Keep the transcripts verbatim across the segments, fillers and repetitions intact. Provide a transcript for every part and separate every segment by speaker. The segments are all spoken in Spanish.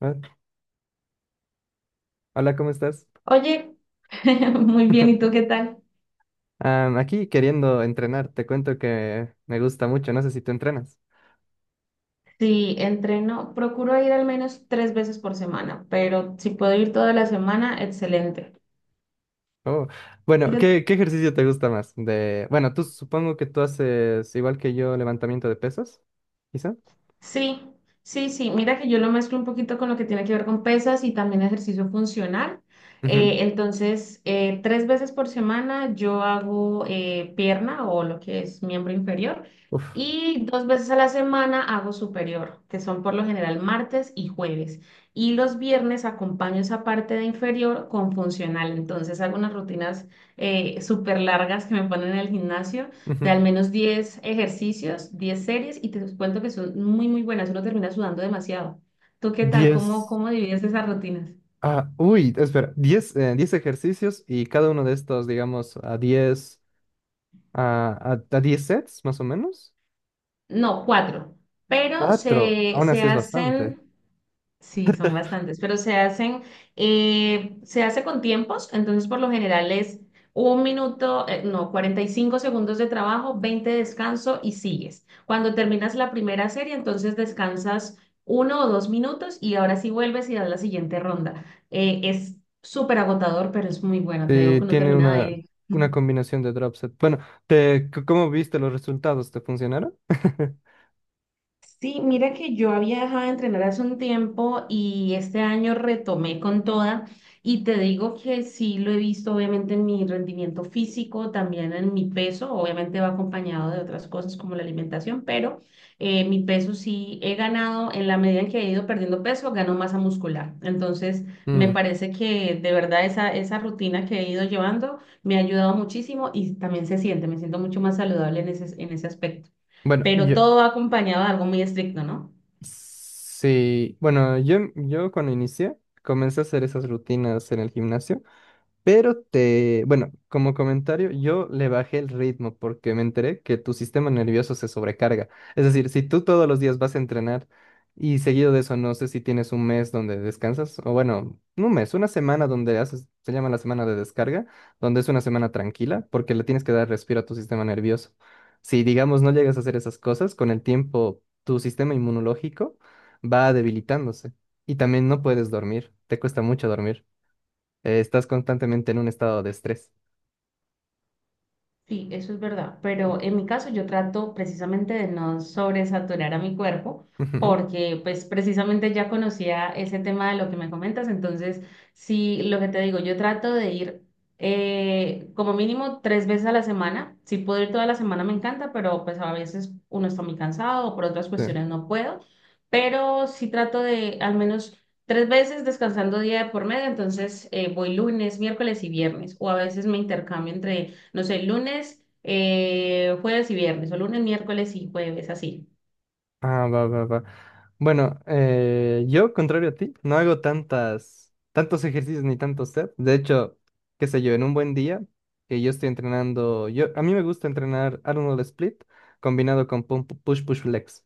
Speaker 1: Ah, hola, ¿cómo estás?
Speaker 2: Oye, muy bien, ¿y tú qué tal?
Speaker 1: Am, aquí queriendo entrenar, te cuento que me gusta mucho, no sé si tú entrenas.
Speaker 2: Sí, entreno, procuro ir al menos tres veces por semana, pero si puedo ir toda la semana, excelente.
Speaker 1: Oh, bueno, ¿qué, qué ejercicio te gusta más? De, bueno, tú supongo que tú haces igual que yo levantamiento de pesas, quizá.
Speaker 2: Sí, sí, sí. Mira que yo lo mezclo un poquito con lo que tiene que ver con pesas y también ejercicio funcional.
Speaker 1: Ujú.
Speaker 2: Eh, entonces, eh, tres veces por semana yo hago eh, pierna o lo que es miembro inferior
Speaker 1: Uf.
Speaker 2: y dos veces a la semana hago superior, que son por lo general martes y jueves. Y los viernes acompaño esa parte de inferior con funcional. Entonces, hago unas rutinas eh, súper largas que me ponen en el gimnasio de
Speaker 1: Ujú.
Speaker 2: al menos diez ejercicios, diez series, y te cuento que son muy, muy buenas. Uno termina sudando demasiado. ¿Tú qué tal? ¿Cómo,
Speaker 1: diez.
Speaker 2: cómo divides esas rutinas?
Speaker 1: Ah, uy, espera, Diez, eh, diez ejercicios y cada uno de estos, digamos, a diez a, a, a diez sets, más o menos.
Speaker 2: No, cuatro. Pero
Speaker 1: Cuatro,
Speaker 2: se,
Speaker 1: aún
Speaker 2: se
Speaker 1: así es bastante.
Speaker 2: hacen. Sí, son bastantes, pero se hacen, eh, se hace con tiempos, entonces por lo general es un minuto, eh, no, cuarenta y cinco segundos de trabajo, veinte de descanso y sigues. Cuando terminas la primera serie, entonces descansas uno o dos minutos y ahora sí vuelves y das la siguiente ronda. Eh, es súper agotador, pero es muy bueno. Te digo
Speaker 1: Sí,
Speaker 2: que uno
Speaker 1: tiene
Speaker 2: termina de
Speaker 1: una,
Speaker 2: ahí.
Speaker 1: una combinación de drop set. Bueno, te, c- ¿cómo viste los resultados? ¿Te funcionaron?
Speaker 2: Sí, mira que yo había dejado de entrenar hace un tiempo y este año retomé con toda, y te digo que sí lo he visto obviamente en mi rendimiento físico, también en mi peso. Obviamente va acompañado de otras cosas como la alimentación, pero eh, mi peso sí he ganado. En la medida en que he ido perdiendo peso, gano masa muscular. Entonces me
Speaker 1: Mm.
Speaker 2: parece que de verdad esa, esa rutina que he ido llevando me ha ayudado muchísimo, y también se siente, me siento mucho más saludable en ese, en ese aspecto,
Speaker 1: Bueno,
Speaker 2: pero
Speaker 1: yo
Speaker 2: todo va acompañado de algo muy estricto, ¿no?
Speaker 1: sí, bueno, yo, yo cuando inicié comencé a hacer esas rutinas en el gimnasio. Pero te, bueno, como comentario, yo le bajé el ritmo porque me enteré que tu sistema nervioso se sobrecarga. Es decir, si tú todos los días vas a entrenar y seguido de eso, no sé si tienes un mes donde descansas, o bueno, no un mes, una semana donde haces, se llama la semana de descarga, donde es una semana tranquila porque le tienes que dar respiro a tu sistema nervioso. Si, digamos, no llegas a hacer esas cosas, con el tiempo tu sistema inmunológico va debilitándose y también no puedes dormir, te cuesta mucho dormir. Eh, estás constantemente en un estado de estrés.
Speaker 2: Sí, eso es verdad, pero en mi caso yo trato precisamente de no sobresaturar a mi cuerpo,
Speaker 1: Ujú,
Speaker 2: porque pues precisamente ya conocía ese tema de lo que me comentas. Entonces sí, lo que te digo, yo trato de ir eh, como mínimo tres veces a la semana. Si puedo ir toda la semana me encanta, pero pues a veces uno está muy cansado o por otras
Speaker 1: sí.
Speaker 2: cuestiones no puedo, pero sí trato de al menos tres veces descansando día de por medio. Entonces eh, voy lunes, miércoles y viernes, o a veces me intercambio entre, no sé, lunes, eh, jueves y viernes, o lunes, miércoles y jueves, así.
Speaker 1: Ah, va, va, va. Bueno, eh, yo, contrario a ti, no hago tantas, tantos ejercicios ni tantos sets. De hecho, qué sé yo, en un buen día que yo estoy entrenando, yo, a mí me gusta entrenar Arnold Split combinado con pum- push push flex.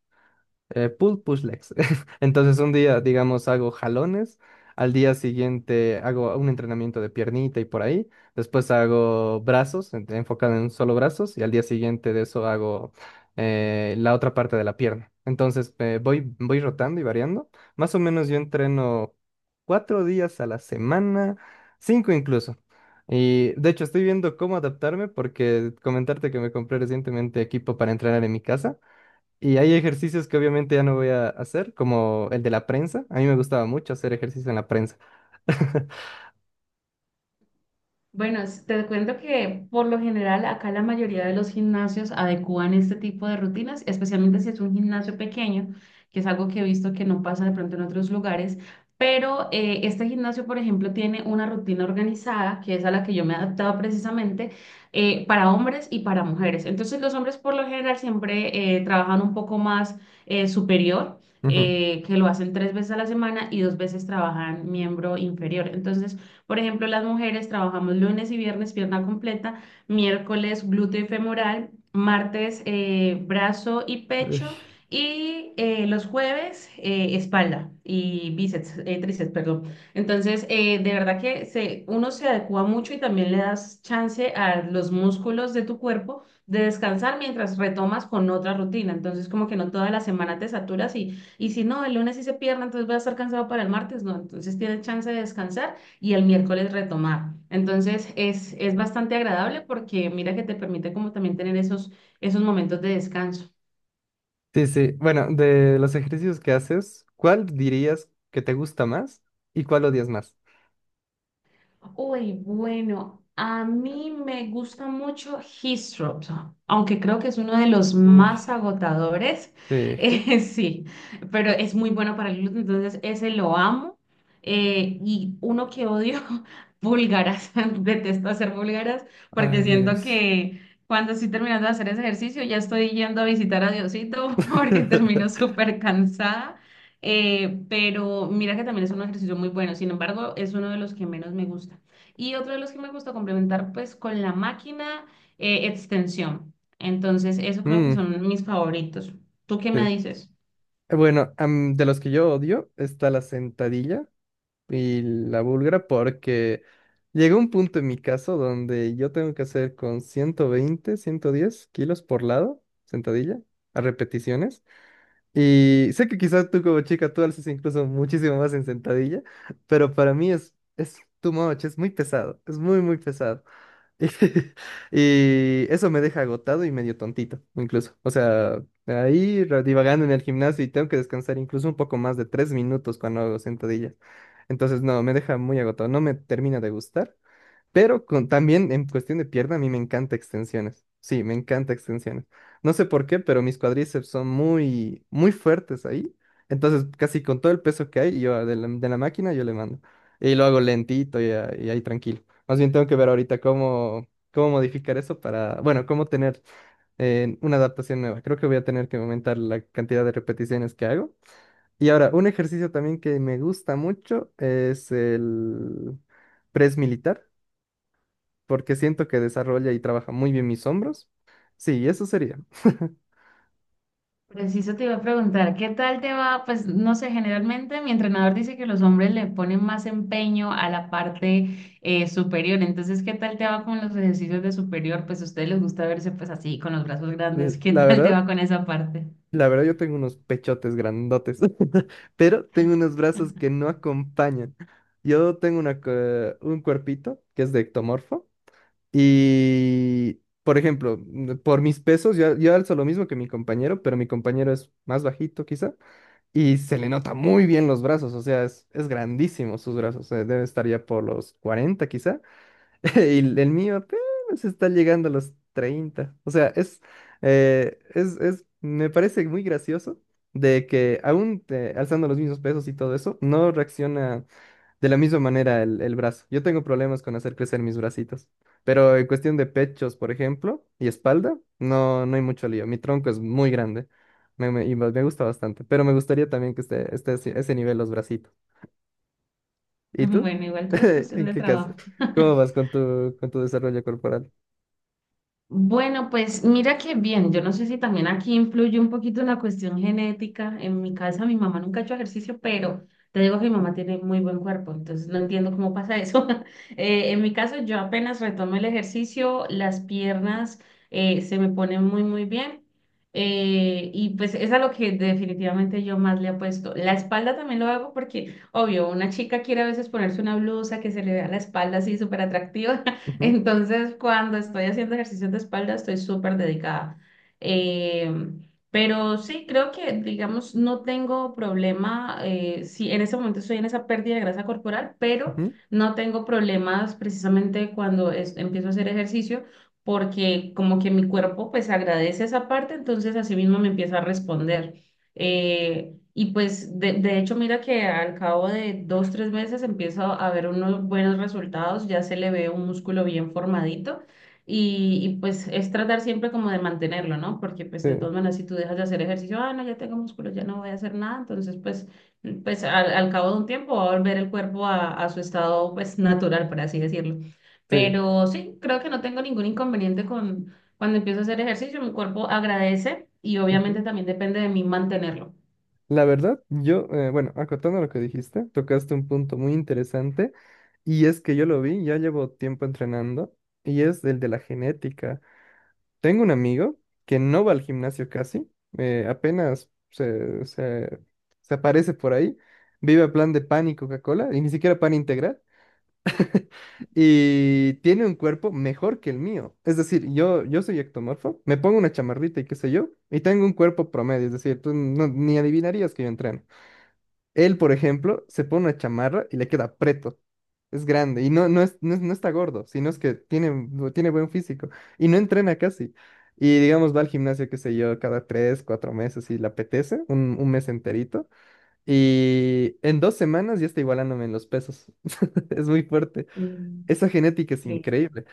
Speaker 1: eh, pull push legs. Entonces un día, digamos, hago jalones, al día siguiente hago un entrenamiento de piernita y por ahí, después hago brazos, en- enfocado en solo brazos, y al día siguiente de eso hago eh, la otra parte de la pierna. Entonces eh, voy, voy rotando y variando. Más o menos yo entreno cuatro días a la semana, cinco incluso. Y de hecho estoy viendo cómo adaptarme porque comentarte que me compré recientemente equipo para entrenar en mi casa. Y hay ejercicios que obviamente ya no voy a hacer, como el de la prensa. A mí me gustaba mucho hacer ejercicio en la prensa.
Speaker 2: Bueno, s- te cuento que por lo general acá la mayoría de los gimnasios adecúan este tipo de rutinas, especialmente si es un gimnasio pequeño, que es algo que he visto que no pasa de pronto en otros lugares, pero eh, este gimnasio, por ejemplo, tiene una rutina organizada, que es a la que yo me he adaptado precisamente, eh, para hombres y para mujeres. Entonces los hombres por lo general siempre eh, trabajan un poco más eh, superior,
Speaker 1: Ujú.
Speaker 2: eh, que lo hacen tres veces a la semana, y dos veces trabajan miembro inferior. Entonces, por ejemplo, las mujeres trabajamos lunes y viernes pierna completa, miércoles glúteo y femoral, martes eh, brazo y
Speaker 1: Uy.
Speaker 2: pecho, y eh, los jueves eh, espalda y bíceps, eh, tríceps, perdón. Entonces, eh, de verdad que se, uno se adecua mucho, y también le das chance a los músculos de tu cuerpo de descansar mientras retomas con otra rutina. Entonces, como que no toda la semana te saturas, y, y si no, el lunes sí se pierde, entonces voy a estar cansado para el martes, no. Entonces, tienes chance de descansar y el miércoles retomar. Entonces es, es bastante agradable porque mira que te permite como también tener esos, esos momentos de descanso.
Speaker 1: Sí, sí. Bueno, de los ejercicios que haces, ¿cuál dirías que te gusta más y cuál odias más?
Speaker 2: Uy, bueno, a mí me gusta mucho His, aunque creo que es uno de los
Speaker 1: Uy,
Speaker 2: más agotadores.
Speaker 1: sí.
Speaker 2: Eh, sí, pero es muy bueno para el gluten, entonces ese lo amo. Eh, y uno que odio, búlgaras. Detesto hacer búlgaras
Speaker 1: Ay,
Speaker 2: porque siento
Speaker 1: Dios.
Speaker 2: que cuando estoy terminando de hacer ese ejercicio ya estoy yendo a visitar a Diosito porque termino súper cansada. Eh, pero mira que también es un ejercicio muy bueno. Sin embargo, es uno de los que menos me gusta. Y otro de los que me gusta complementar, pues con la máquina, eh, extensión. Entonces, eso creo que
Speaker 1: Mm,
Speaker 2: son mis favoritos. ¿Tú qué me
Speaker 1: sí.
Speaker 2: dices?
Speaker 1: Eh, Bueno, am, de los que yo odio está la sentadilla y la búlgara porque llegó un punto en mi caso donde yo tengo que hacer con ciento veinte ciento diez kilos por lado, sentadilla, a repeticiones. Y sé que quizás tú como chica tú alzas incluso muchísimo más en sentadilla, pero para mí es, es too much, es muy pesado, es muy, muy pesado. Y eso me deja agotado y medio tontito, incluso. O sea, ahí ra- divagando en el gimnasio y tengo que descansar incluso un poco más de tres minutos cuando hago sentadillas. Entonces, no, me deja muy agotado, no me termina de gustar. Pero con, también en cuestión de pierna, a mí me encanta extensiones. Sí, me encanta extensiones. No sé por qué, pero mis cuádriceps son muy, muy fuertes ahí. Entonces, casi con todo el peso que hay, yo de la, de la máquina, yo le mando. Y lo hago lentito y, a- y ahí tranquilo. Más bien tengo que ver ahorita cómo, cómo modificar eso para, bueno, cómo tener eh, una adaptación nueva. Creo que voy a tener que aumentar la cantidad de repeticiones que hago. Y ahora, un ejercicio también que me gusta mucho es el press militar porque siento que desarrolla y trabaja muy bien mis hombros. Sí, eso sería.
Speaker 2: Preciso te iba a preguntar, ¿qué tal te va? Pues no sé, generalmente mi entrenador dice que los hombres le ponen más empeño a la parte eh, superior. Entonces, ¿qué tal te va con los ejercicios de superior? Pues a ustedes les gusta verse pues así, con los brazos grandes.
Speaker 1: L-
Speaker 2: ¿Qué
Speaker 1: La
Speaker 2: tal te
Speaker 1: verdad,
Speaker 2: va con esa parte?
Speaker 1: la verdad yo tengo unos pechotes grandotes, pero tengo unos brazos que no acompañan. Yo tengo una, cue- un cuerpito que es de ectomorfo y, por ejemplo, mm, por mis pesos, yo, yo alzo lo mismo que mi compañero, pero mi compañero es más bajito quizá y se le nota muy bien los brazos, o sea, es, es grandísimo sus brazos, eh, debe estar ya por los cuarenta quizá. Y el mío apenas está llegando a los treinta. O sea, es, eh, es, es, me parece muy gracioso de que aún eh, alzando los mismos pesos y todo eso, no reacciona de la misma manera el, el brazo. Yo tengo problemas con hacer crecer mis bracitos, pero en cuestión de pechos, por ejemplo, y espalda, no, no hay mucho lío. Mi tronco es muy grande, me, me- y me me gusta bastante, pero me gustaría también que esté, esté así- a ese nivel los bracitos. ¿Y tú?
Speaker 2: Bueno, igual todo es cuestión
Speaker 1: ¿En
Speaker 2: de
Speaker 1: qué caso?
Speaker 2: trabajo.
Speaker 1: ¿Cómo vas con tu, con tu desarrollo corporal?
Speaker 2: Bueno, pues mira que bien. Yo no sé si también aquí influye un poquito la cuestión genética. En mi casa mi mamá nunca ha hecho ejercicio, pero te digo que mi mamá tiene muy buen cuerpo, entonces no entiendo cómo pasa eso. Eh, en mi caso yo apenas retomo el ejercicio, las piernas eh, se me ponen muy, muy bien, eh, y pues es a lo que definitivamente yo más le apuesto. La espalda también lo hago porque, obvio, una chica quiere a veces ponerse una blusa que se le vea la espalda así súper atractiva.
Speaker 1: Ujú,
Speaker 2: Entonces, cuando estoy haciendo ejercicios de espalda, estoy súper dedicada. Eh, pero sí, creo que, digamos, no tengo problema. Eh, sí, en ese momento estoy en esa pérdida de grasa corporal, pero
Speaker 1: ujú,
Speaker 2: no tengo problemas precisamente cuando es- empiezo a hacer ejercicio, porque como que mi cuerpo pues agradece esa parte, entonces así mismo me empieza a responder. Eh, y pues de, de hecho, mira que al cabo de dos, tres meses empieza a ver unos buenos resultados, ya se le ve un músculo bien formadito, y, y pues es tratar siempre como de mantenerlo, ¿no? Porque pues
Speaker 1: sí,
Speaker 2: de todas maneras, si tú dejas de hacer ejercicio, ah, no, ya tengo músculo, ya no voy a hacer nada, entonces pues, pues, al, al cabo de un tiempo va a volver el cuerpo a, a su estado pues natural, por así decirlo.
Speaker 1: sí.
Speaker 2: Pero sí, creo que no tengo ningún inconveniente con cuando empiezo a hacer ejercicio, mi cuerpo agradece y
Speaker 1: Ujú.
Speaker 2: obviamente también depende de mí mantenerlo.
Speaker 1: La verdad, yo, eh, bueno, acotando lo que dijiste, tocaste un punto muy interesante y es que yo lo vi, ya llevo tiempo entrenando y es el de la genética. Tengo un amigo que no va al gimnasio casi, eh, apenas se, se, se aparece por ahí, vive a plan de pan y Coca-Cola y ni siquiera pan integral. Y tiene un cuerpo mejor que el mío. Es decir, yo, yo soy ectomorfo, me pongo una chamarrita y qué sé yo, y tengo un cuerpo promedio. Es decir, tú no- ni adivinarías que yo entreno. Él, por ejemplo, se pone una chamarra y le queda preto. Es grande y no, no, es, no, es- no está gordo, sino es que tiene, bu- tiene buen físico y no entrena casi. Y digamos, va al gimnasio, qué sé yo, cada tres, cuatro meses si le apetece, un, un mes enterito. Y en dos semanas ya está igualándome en los pesos. Es muy fuerte.
Speaker 2: Mm,
Speaker 1: Esa genética es
Speaker 2: ok.
Speaker 1: increíble.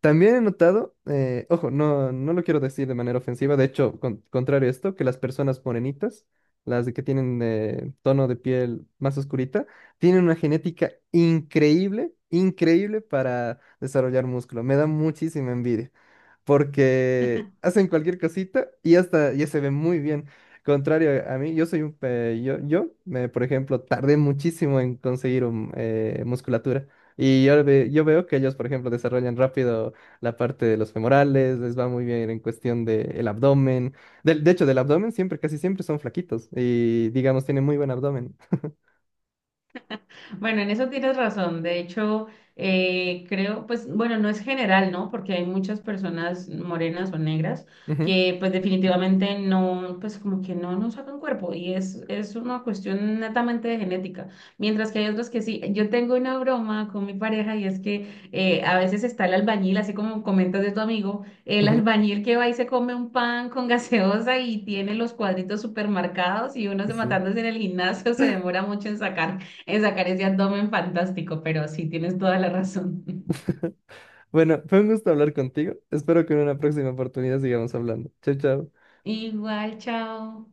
Speaker 1: También he notado, eh, ojo, no, no lo quiero decir de manera ofensiva, de hecho, con- contrario a esto, que las personas morenitas, las de que tienen eh, tono de piel más oscurita, tienen una genética increíble, increíble para desarrollar músculo. Me da muchísima envidia porque hacen cualquier cosita y hasta ya se ve muy bien. Contrario a mí, yo soy un... pe- yo, yo me, por ejemplo, tardé muchísimo en conseguir un, eh, musculatura. Y yo, ve- yo veo que ellos, por ejemplo, desarrollan rápido la parte de los femorales, les va muy bien en cuestión del abdomen. Del- de hecho, del abdomen siempre, casi siempre son flaquitos y, digamos, tienen muy buen abdomen.
Speaker 2: Bueno, en eso tienes razón. De hecho, eh, creo, pues, bueno, no es general, ¿no? Porque hay muchas personas morenas o negras
Speaker 1: Ujú,
Speaker 2: que, pues, definitivamente no, pues, como que no, nos sacan cuerpo, y es, es, una cuestión netamente de genética. Mientras que hay otros que sí. Yo tengo una broma con mi pareja, y es que eh, a veces está el albañil, así como comentas de tu amigo, el
Speaker 1: ujú,
Speaker 2: albañil que va y se come un pan con gaseosa y tiene los cuadritos supermercados, y uno se
Speaker 1: sí.
Speaker 2: matándose en el gimnasio se demora mucho en sacar. Es sacar ese abdomen fantástico, pero sí tienes toda la razón.
Speaker 1: Bueno, fue un gusto hablar contigo. Espero que en una próxima oportunidad sigamos hablando. Chao, chao.
Speaker 2: Igual, chao.